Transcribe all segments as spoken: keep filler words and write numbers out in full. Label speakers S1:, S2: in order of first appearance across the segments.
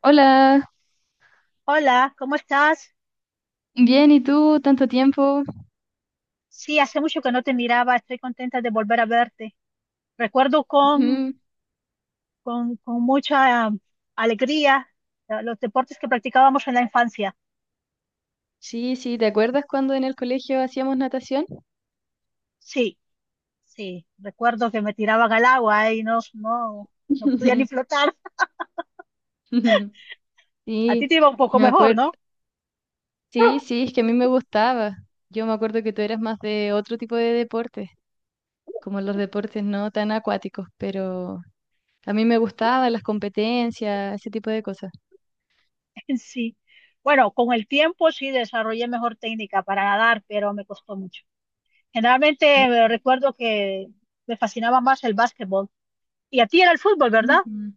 S1: Hola,
S2: Hola, ¿cómo estás?
S1: bien, ¿y tú? ¿Tanto tiempo?
S2: Sí, hace mucho que no te miraba, estoy contenta de volver a verte. Recuerdo con,
S1: Ujú.
S2: con, con mucha um, alegría eh, los deportes que practicábamos en la infancia.
S1: Sí, sí, ¿te acuerdas cuando en el colegio hacíamos natación?
S2: Sí, sí, recuerdo que me tiraban al agua y no, no, no podía ni flotar. A
S1: Sí,
S2: ti te iba un poco
S1: me
S2: mejor,
S1: acuerdo.
S2: ¿no?
S1: Sí, sí, es que a mí me gustaba. Yo me acuerdo que tú eras más de otro tipo de deportes, como los deportes no tan acuáticos, pero a mí me gustaban las competencias, ese tipo de cosas.
S2: Sí. Bueno, con el tiempo sí desarrollé mejor técnica para nadar, pero me costó mucho. Generalmente eh, recuerdo que me fascinaba más el básquetbol. Y a ti era el fútbol, ¿verdad?
S1: Ujú.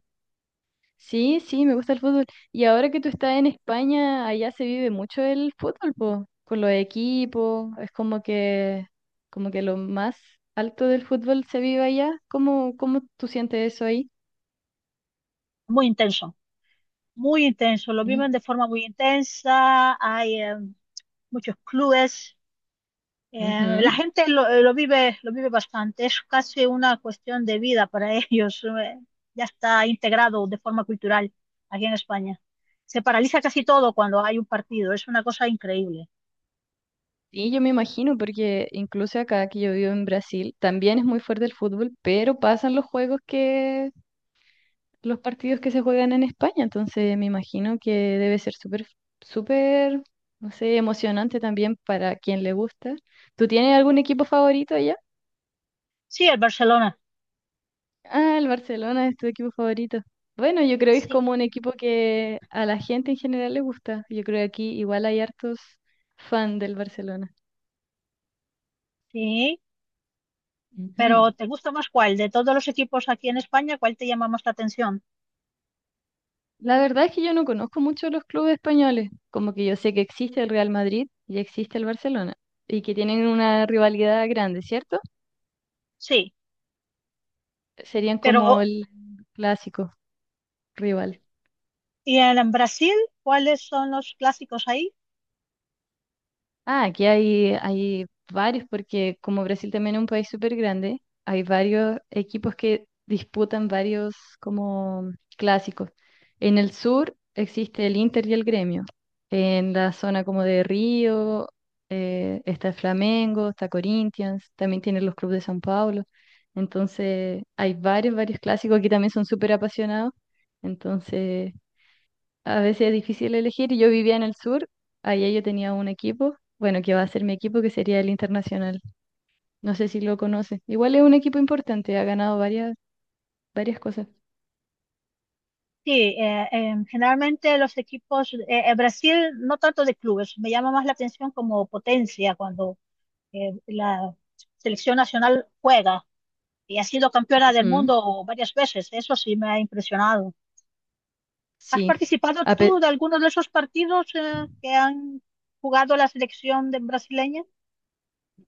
S1: Sí, sí, me gusta el fútbol. Y ahora que tú estás en España, allá se vive mucho el fútbol, po, con los equipos, es como que, como que lo más alto del fútbol se vive allá. ¿Cómo, cómo tú sientes eso ahí?
S2: Muy intenso. Muy intenso, lo
S1: Mm,
S2: viven de forma muy intensa, hay eh, muchos clubes, eh, la
S1: ujú.
S2: gente lo, eh, lo vive, lo vive bastante, es casi una cuestión de vida para ellos, eh, ya está integrado de forma cultural aquí en España. Se paraliza casi todo cuando hay un partido, es una cosa increíble.
S1: Sí, yo me imagino, porque incluso acá que yo vivo en Brasil, también es muy fuerte el fútbol, pero pasan los juegos que los partidos que se juegan en España, entonces me imagino que debe ser súper, súper, no sé, emocionante también para quien le gusta. ¿Tú tienes algún equipo favorito allá?
S2: Sí, el Barcelona,
S1: Ah, el Barcelona es tu equipo favorito. Bueno, yo creo que es
S2: sí,
S1: como un equipo que a la gente en general le gusta. Yo creo que aquí igual hay hartos fan del Barcelona.
S2: sí, pero
S1: Ujú.
S2: ¿te gusta más cuál? De todos los equipos aquí en España, ¿cuál te llama más la atención?
S1: La verdad es que yo no conozco mucho los clubes españoles, como que yo sé que existe el Real Madrid y existe el Barcelona, y que tienen una rivalidad grande, ¿cierto?
S2: Sí,
S1: Serían como
S2: pero
S1: el clásico rival.
S2: ¿y en Brasil? ¿Cuáles son los clásicos ahí?
S1: Ah, aquí hay, hay varios, porque como Brasil también es un país súper grande, hay varios equipos que disputan varios como clásicos. En el sur existe el Inter y el Gremio. En la zona como de Río, eh, está el Flamengo, está Corinthians, también tienen los clubes de São Paulo. Entonces, hay varios, varios clásicos que también son súper apasionados. Entonces, a veces es difícil elegir. y Yo vivía en el sur, allá yo tenía un equipo, bueno, que va a ser mi equipo, que sería el Internacional. No sé si lo conoce. Igual es un equipo importante, ha ganado varias, varias cosas.
S2: Sí, eh, em, generalmente los equipos, eh, eh, Brasil no tanto de clubes, me llama más la atención como potencia cuando eh, la selección nacional juega y ha sido campeona del
S1: Ujú.
S2: mundo varias veces, eso sí me ha impresionado. ¿Has
S1: Sí.
S2: participado
S1: A
S2: tú
S1: pe-
S2: de alguno de esos partidos eh, que han jugado la selección de- brasileña?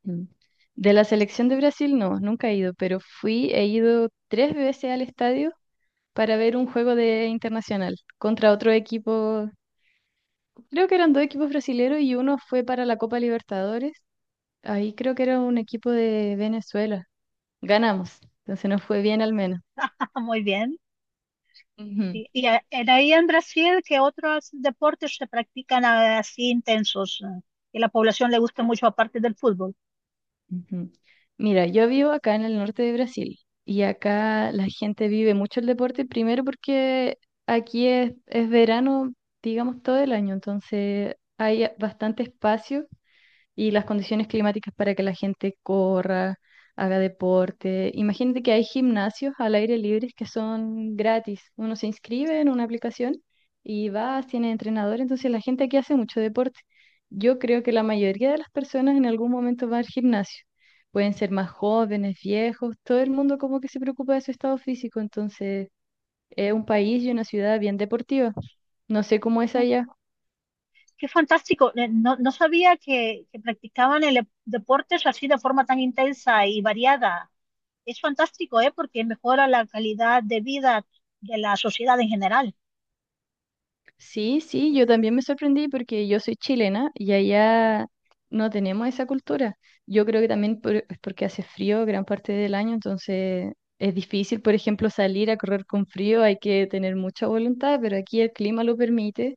S1: Ujú. De la selección de Brasil, no, nunca he ido, pero fui, he ido tres veces al estadio para ver un juego de Internacional contra otro equipo. Creo que eran dos equipos brasileros y uno fue para la Copa Libertadores. Ahí creo que era un equipo de Venezuela. Ganamos, entonces nos fue bien al menos.
S2: Muy bien.
S1: Ujú,
S2: Y, y, eh, en ahí en Brasil, ¿qué otros deportes se practican eh, así intensos eh, que la población le gusta mucho aparte del fútbol?
S1: ujú. Mira, yo vivo acá en el norte de Brasil y acá la gente vive mucho el deporte, primero porque aquí es, es verano, digamos, todo el año, entonces hay bastante espacio y las condiciones climáticas para que la gente corra, haga deporte. Imagínate que hay gimnasios al aire libre que son gratis. Uno se inscribe en una aplicación y va, tiene entrenador, entonces la gente aquí hace mucho deporte. Yo creo que la mayoría de las personas en algún momento va al gimnasio. Pueden ser más jóvenes, viejos, todo el mundo como que se preocupa de su estado físico, entonces es un país y una ciudad bien deportiva. No sé cómo es allá.
S2: Qué fantástico. Eh, No, no sabía que, que practicaban el e- deportes así de forma tan intensa y variada. Es fantástico, ¿eh? Porque mejora la calidad de vida de la sociedad en general.
S1: Sí, sí, yo también me sorprendí porque yo soy chilena y allá no tenemos esa cultura. Yo creo que también por- es porque hace frío gran parte del año, entonces es difícil, por ejemplo, salir a correr con frío, hay que tener mucha voluntad, pero aquí el clima lo permite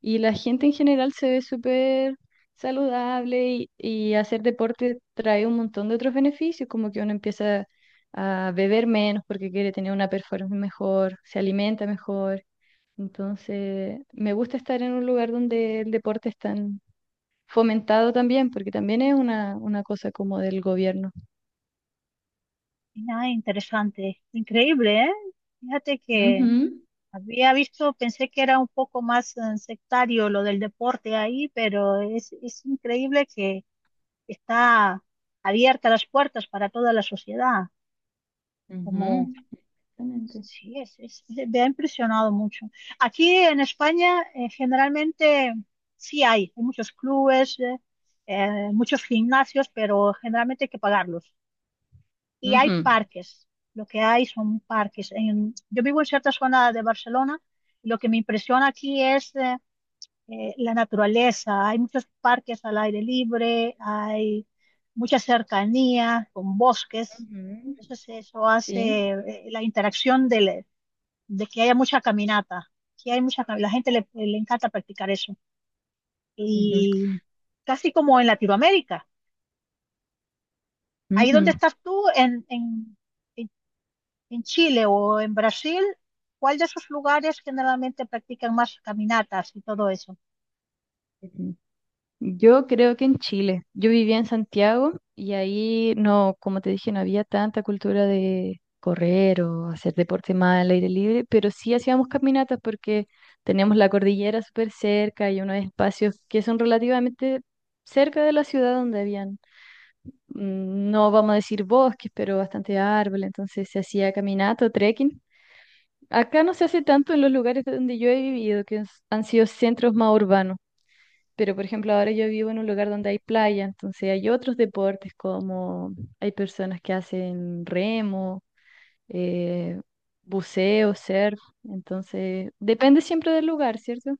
S1: y la gente en general se ve súper saludable y, y hacer deporte trae un montón de otros beneficios, como que uno empieza a beber menos porque quiere tener una performance mejor, se alimenta mejor. Entonces, me gusta estar en un lugar donde el deporte es tan fomentado también, porque también es una, una cosa como del gobierno.
S2: Mira, interesante. Increíble, ¿eh? Fíjate que
S1: Ujú,
S2: había visto, pensé que era un poco más eh, sectario lo del deporte ahí, pero es, es increíble que está abierta las puertas para toda la sociedad, como
S1: ujú. Exactamente.
S2: Sí, es, es- me ha impresionado mucho. Aquí en España, eh, generalmente sí hay, hay muchos clubes, eh, eh, muchos gimnasios, pero generalmente hay que pagarlos. Y hay
S1: Ujú.
S2: parques, lo que hay son parques. En- yo vivo en cierta zona de Barcelona, y lo que me impresiona aquí es eh, eh, la naturaleza. Hay muchos parques al aire libre, hay mucha cercanía con bosques.
S1: Ujú.
S2: Entonces eso
S1: Sí.
S2: hace eh, la interacción del, de que haya mucha caminata. Sí hay mucha, cam- la gente le, le encanta practicar eso. Y casi como en Latinoamérica.
S1: Ujú,
S2: Ahí donde
S1: ujú,
S2: estás tú, en, en, en, en Chile o en Brasil, ¿cuál de esos lugares generalmente practican más caminatas y todo eso?
S1: ujú. Yo creo que en Chile. Yo vivía en Santiago y ahí no, como te dije, no había tanta cultura de correr o hacer deporte más al aire libre, pero sí hacíamos caminatas porque teníamos la cordillera súper cerca y unos espacios que son relativamente cerca de la ciudad donde habían, mm, no vamos a decir bosques, pero bastante árboles, entonces se hacía caminata o trekking. Acá no se hace tanto en los lugares donde yo he vivido, que es- han sido centros más urbanos. Pero, por ejemplo, ahora yo vivo en un lugar donde hay playa, entonces hay otros deportes como hay personas que hacen remo, eh, buceo, surf, entonces depende siempre del lugar, ¿cierto?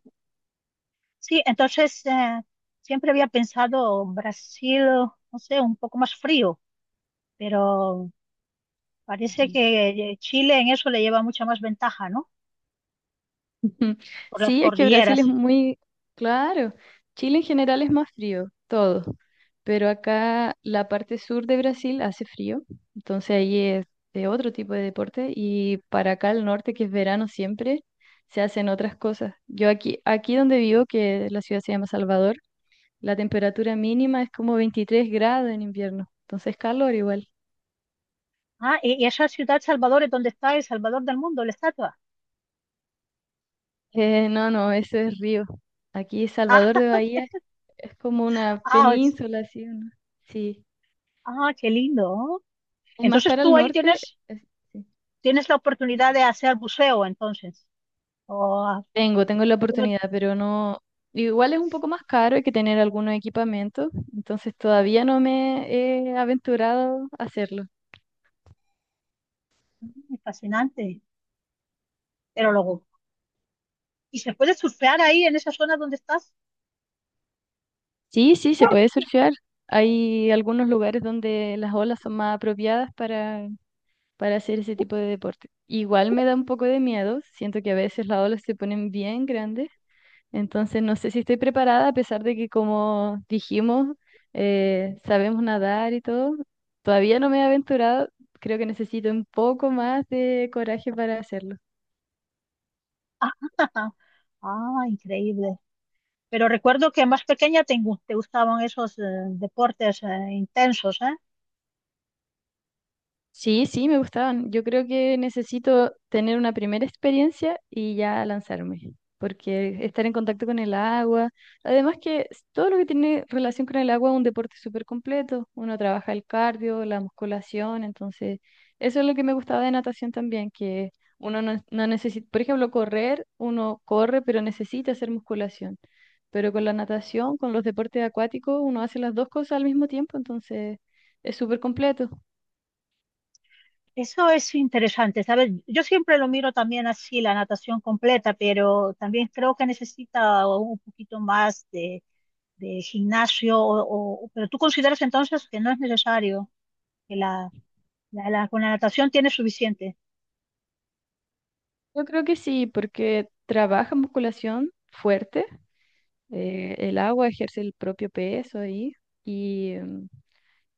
S2: Sí, entonces eh, siempre había pensado Brasil, no sé, un poco más frío, pero parece
S1: Ujú.
S2: que eh, Chile en eso le lleva mucha más ventaja, ¿no?
S1: Ujú.
S2: Por las
S1: Sí, es que Brasil es
S2: cordilleras.
S1: muy claro. Chile en general es más frío, todo. Pero acá la parte sur de Brasil hace frío, entonces ahí es de otro tipo de deporte y para acá al norte, que es verano siempre, se hacen otras cosas. Yo aquí, aquí donde vivo, que la ciudad se llama Salvador, la temperatura mínima es como veintitrés grados en invierno, entonces calor igual.
S2: Ah, y, y esa ciudad Salvador es donde está el Salvador del mundo, la estatua.
S1: Eh, no, no, eso es río. Aquí
S2: Ah,
S1: Salvador de Bahía. Es como una
S2: ah, es-
S1: península, así, ¿no? Sí.
S2: ah, qué lindo. ¿No?
S1: Es más
S2: Entonces
S1: para el
S2: tú ahí
S1: norte.
S2: tienes,
S1: es- sí.
S2: tienes la oportunidad
S1: Dime.
S2: de hacer buceo, entonces. Oh,
S1: Tengo, tengo la
S2: bueno,
S1: oportunidad, pero no. Igual es un poco más caro, hay que tener algunos equipamientos, entonces todavía no me he aventurado a hacerlo.
S2: fascinante. Pero luego, ¿y se puede surfear ahí en esa zona donde estás?
S1: Sí, sí, se puede surfear. Hay algunos lugares donde las olas son más apropiadas para, para hacer ese tipo de deporte. Igual me da un poco de miedo, siento que a veces las olas se ponen bien grandes. Entonces, no sé si estoy preparada, a pesar de que, como dijimos, eh, sabemos nadar y todo. Todavía no me he aventurado. Creo que necesito un poco más de coraje para hacerlo.
S2: Ah, ah, increíble. Pero recuerdo que más pequeña te, gu- te gustaban esos eh, deportes eh, intensos, ¿eh?
S1: Sí, sí, me gustaban. Yo creo que necesito tener una primera experiencia y ya lanzarme, porque estar en contacto con el agua, además que s- todo lo que tiene relación con el agua es un deporte súper completo. Uno trabaja el cardio, la musculación, entonces eso es lo que me gustaba de natación también, que uno no, no necesita, por ejemplo, correr, uno corre, pero necesita hacer musculación. Pero con la natación, con los deportes acuáticos, uno hace las dos cosas al mismo tiempo, entonces es súper completo.
S2: Eso es interesante, ¿sabes? Yo siempre lo miro también así, la natación completa, pero también creo que necesita un poquito más de, de gimnasio, o, o- pero tú consideras entonces que no es necesario, que la, la- la- con la natación tiene suficiente.
S1: Yo creo que sí, porque trabaja musculación fuerte, eh, el agua ejerce el propio peso ahí y, mm,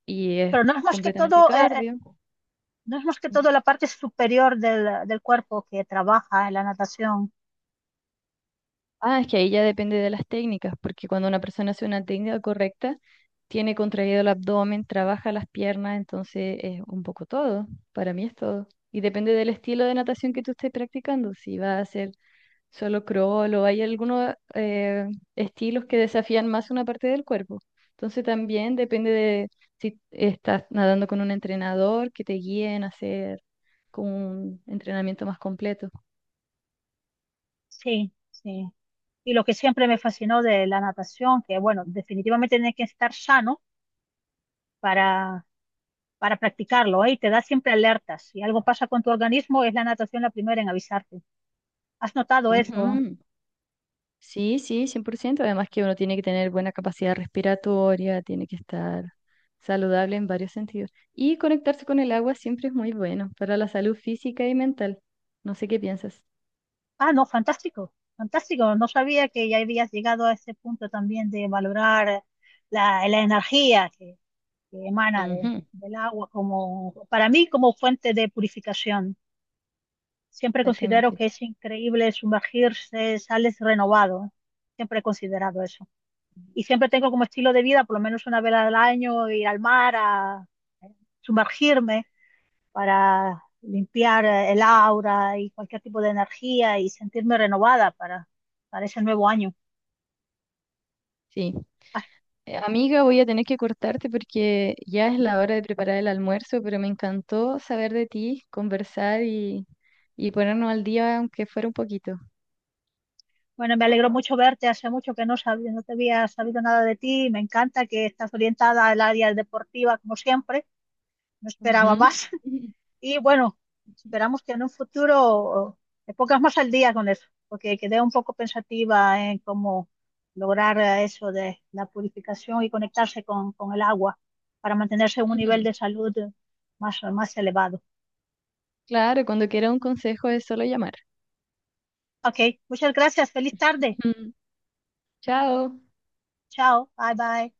S1: y es
S2: Pero no es más que
S1: completamente
S2: todo, eh, eh,
S1: cardio.
S2: no es más que todo la parte superior del, del cuerpo que trabaja en la natación.
S1: Ah, es que ahí ya depende de las técnicas, porque cuando una persona hace una técnica correcta, tiene contraído el abdomen, trabaja las piernas, entonces es un poco todo, para mí es todo. Y depende del estilo de natación que tú estés practicando, si vas a hacer solo crawl o hay algunos eh, estilos que desafían más una parte del cuerpo. Entonces también depende de si estás nadando con un entrenador que te guíe en hacer como un entrenamiento más completo.
S2: Sí, sí. Y lo que siempre me fascinó de la natación, que bueno, definitivamente tienes que estar sano para, para practicarlo, ¿eh? Y te da siempre alertas. Si algo pasa con tu organismo, es la natación la primera en avisarte. ¿Has notado eso?
S1: Ujú. Sí, sí, cien por ciento. Además que uno tiene que tener buena capacidad respiratoria, tiene que estar saludable en varios sentidos. Y conectarse con el agua siempre es muy bueno para la salud física y mental. No sé qué piensas.
S2: Ah, no, fantástico, fantástico. No sabía que ya habías llegado a ese punto también de valorar la, la energía que, que emana de-
S1: Ujú.
S2: del agua como, para mí, como fuente de purificación. Siempre considero
S1: Exactamente.
S2: que es increíble sumergirse, sales renovado. Siempre he considerado eso. Y siempre tengo como estilo de vida, por lo menos una vez al año, ir al mar a sumergirme para limpiar eh, el aura y cualquier tipo de energía y sentirme renovada para, para ese nuevo año.
S1: Sí.
S2: Ah,
S1: Eh, amiga, voy a tener que cortarte porque ya es la hora de preparar el almuerzo, pero me encantó saber de ti, conversar y, y ponernos al día, aunque fuera un poquito.
S2: bueno, me alegro mucho verte. Hace mucho que no sabía, no te había sabido nada de ti. Me encanta que estás orientada al área deportiva como siempre. No
S1: Ujú.
S2: esperaba más. Y bueno, esperamos que en un futuro me pongas más al día con eso, porque quedé un poco pensativa en cómo lograr eh, eso de la purificación y conectarse con, con el agua para mantenerse en un nivel
S1: Ujú.
S2: de salud eh, más, más elevado.
S1: Claro, cuando quiera un consejo es solo llamar.
S2: Ok, muchas gracias. Feliz tarde.
S1: Ujú. Chao.
S2: Chao. Bye bye.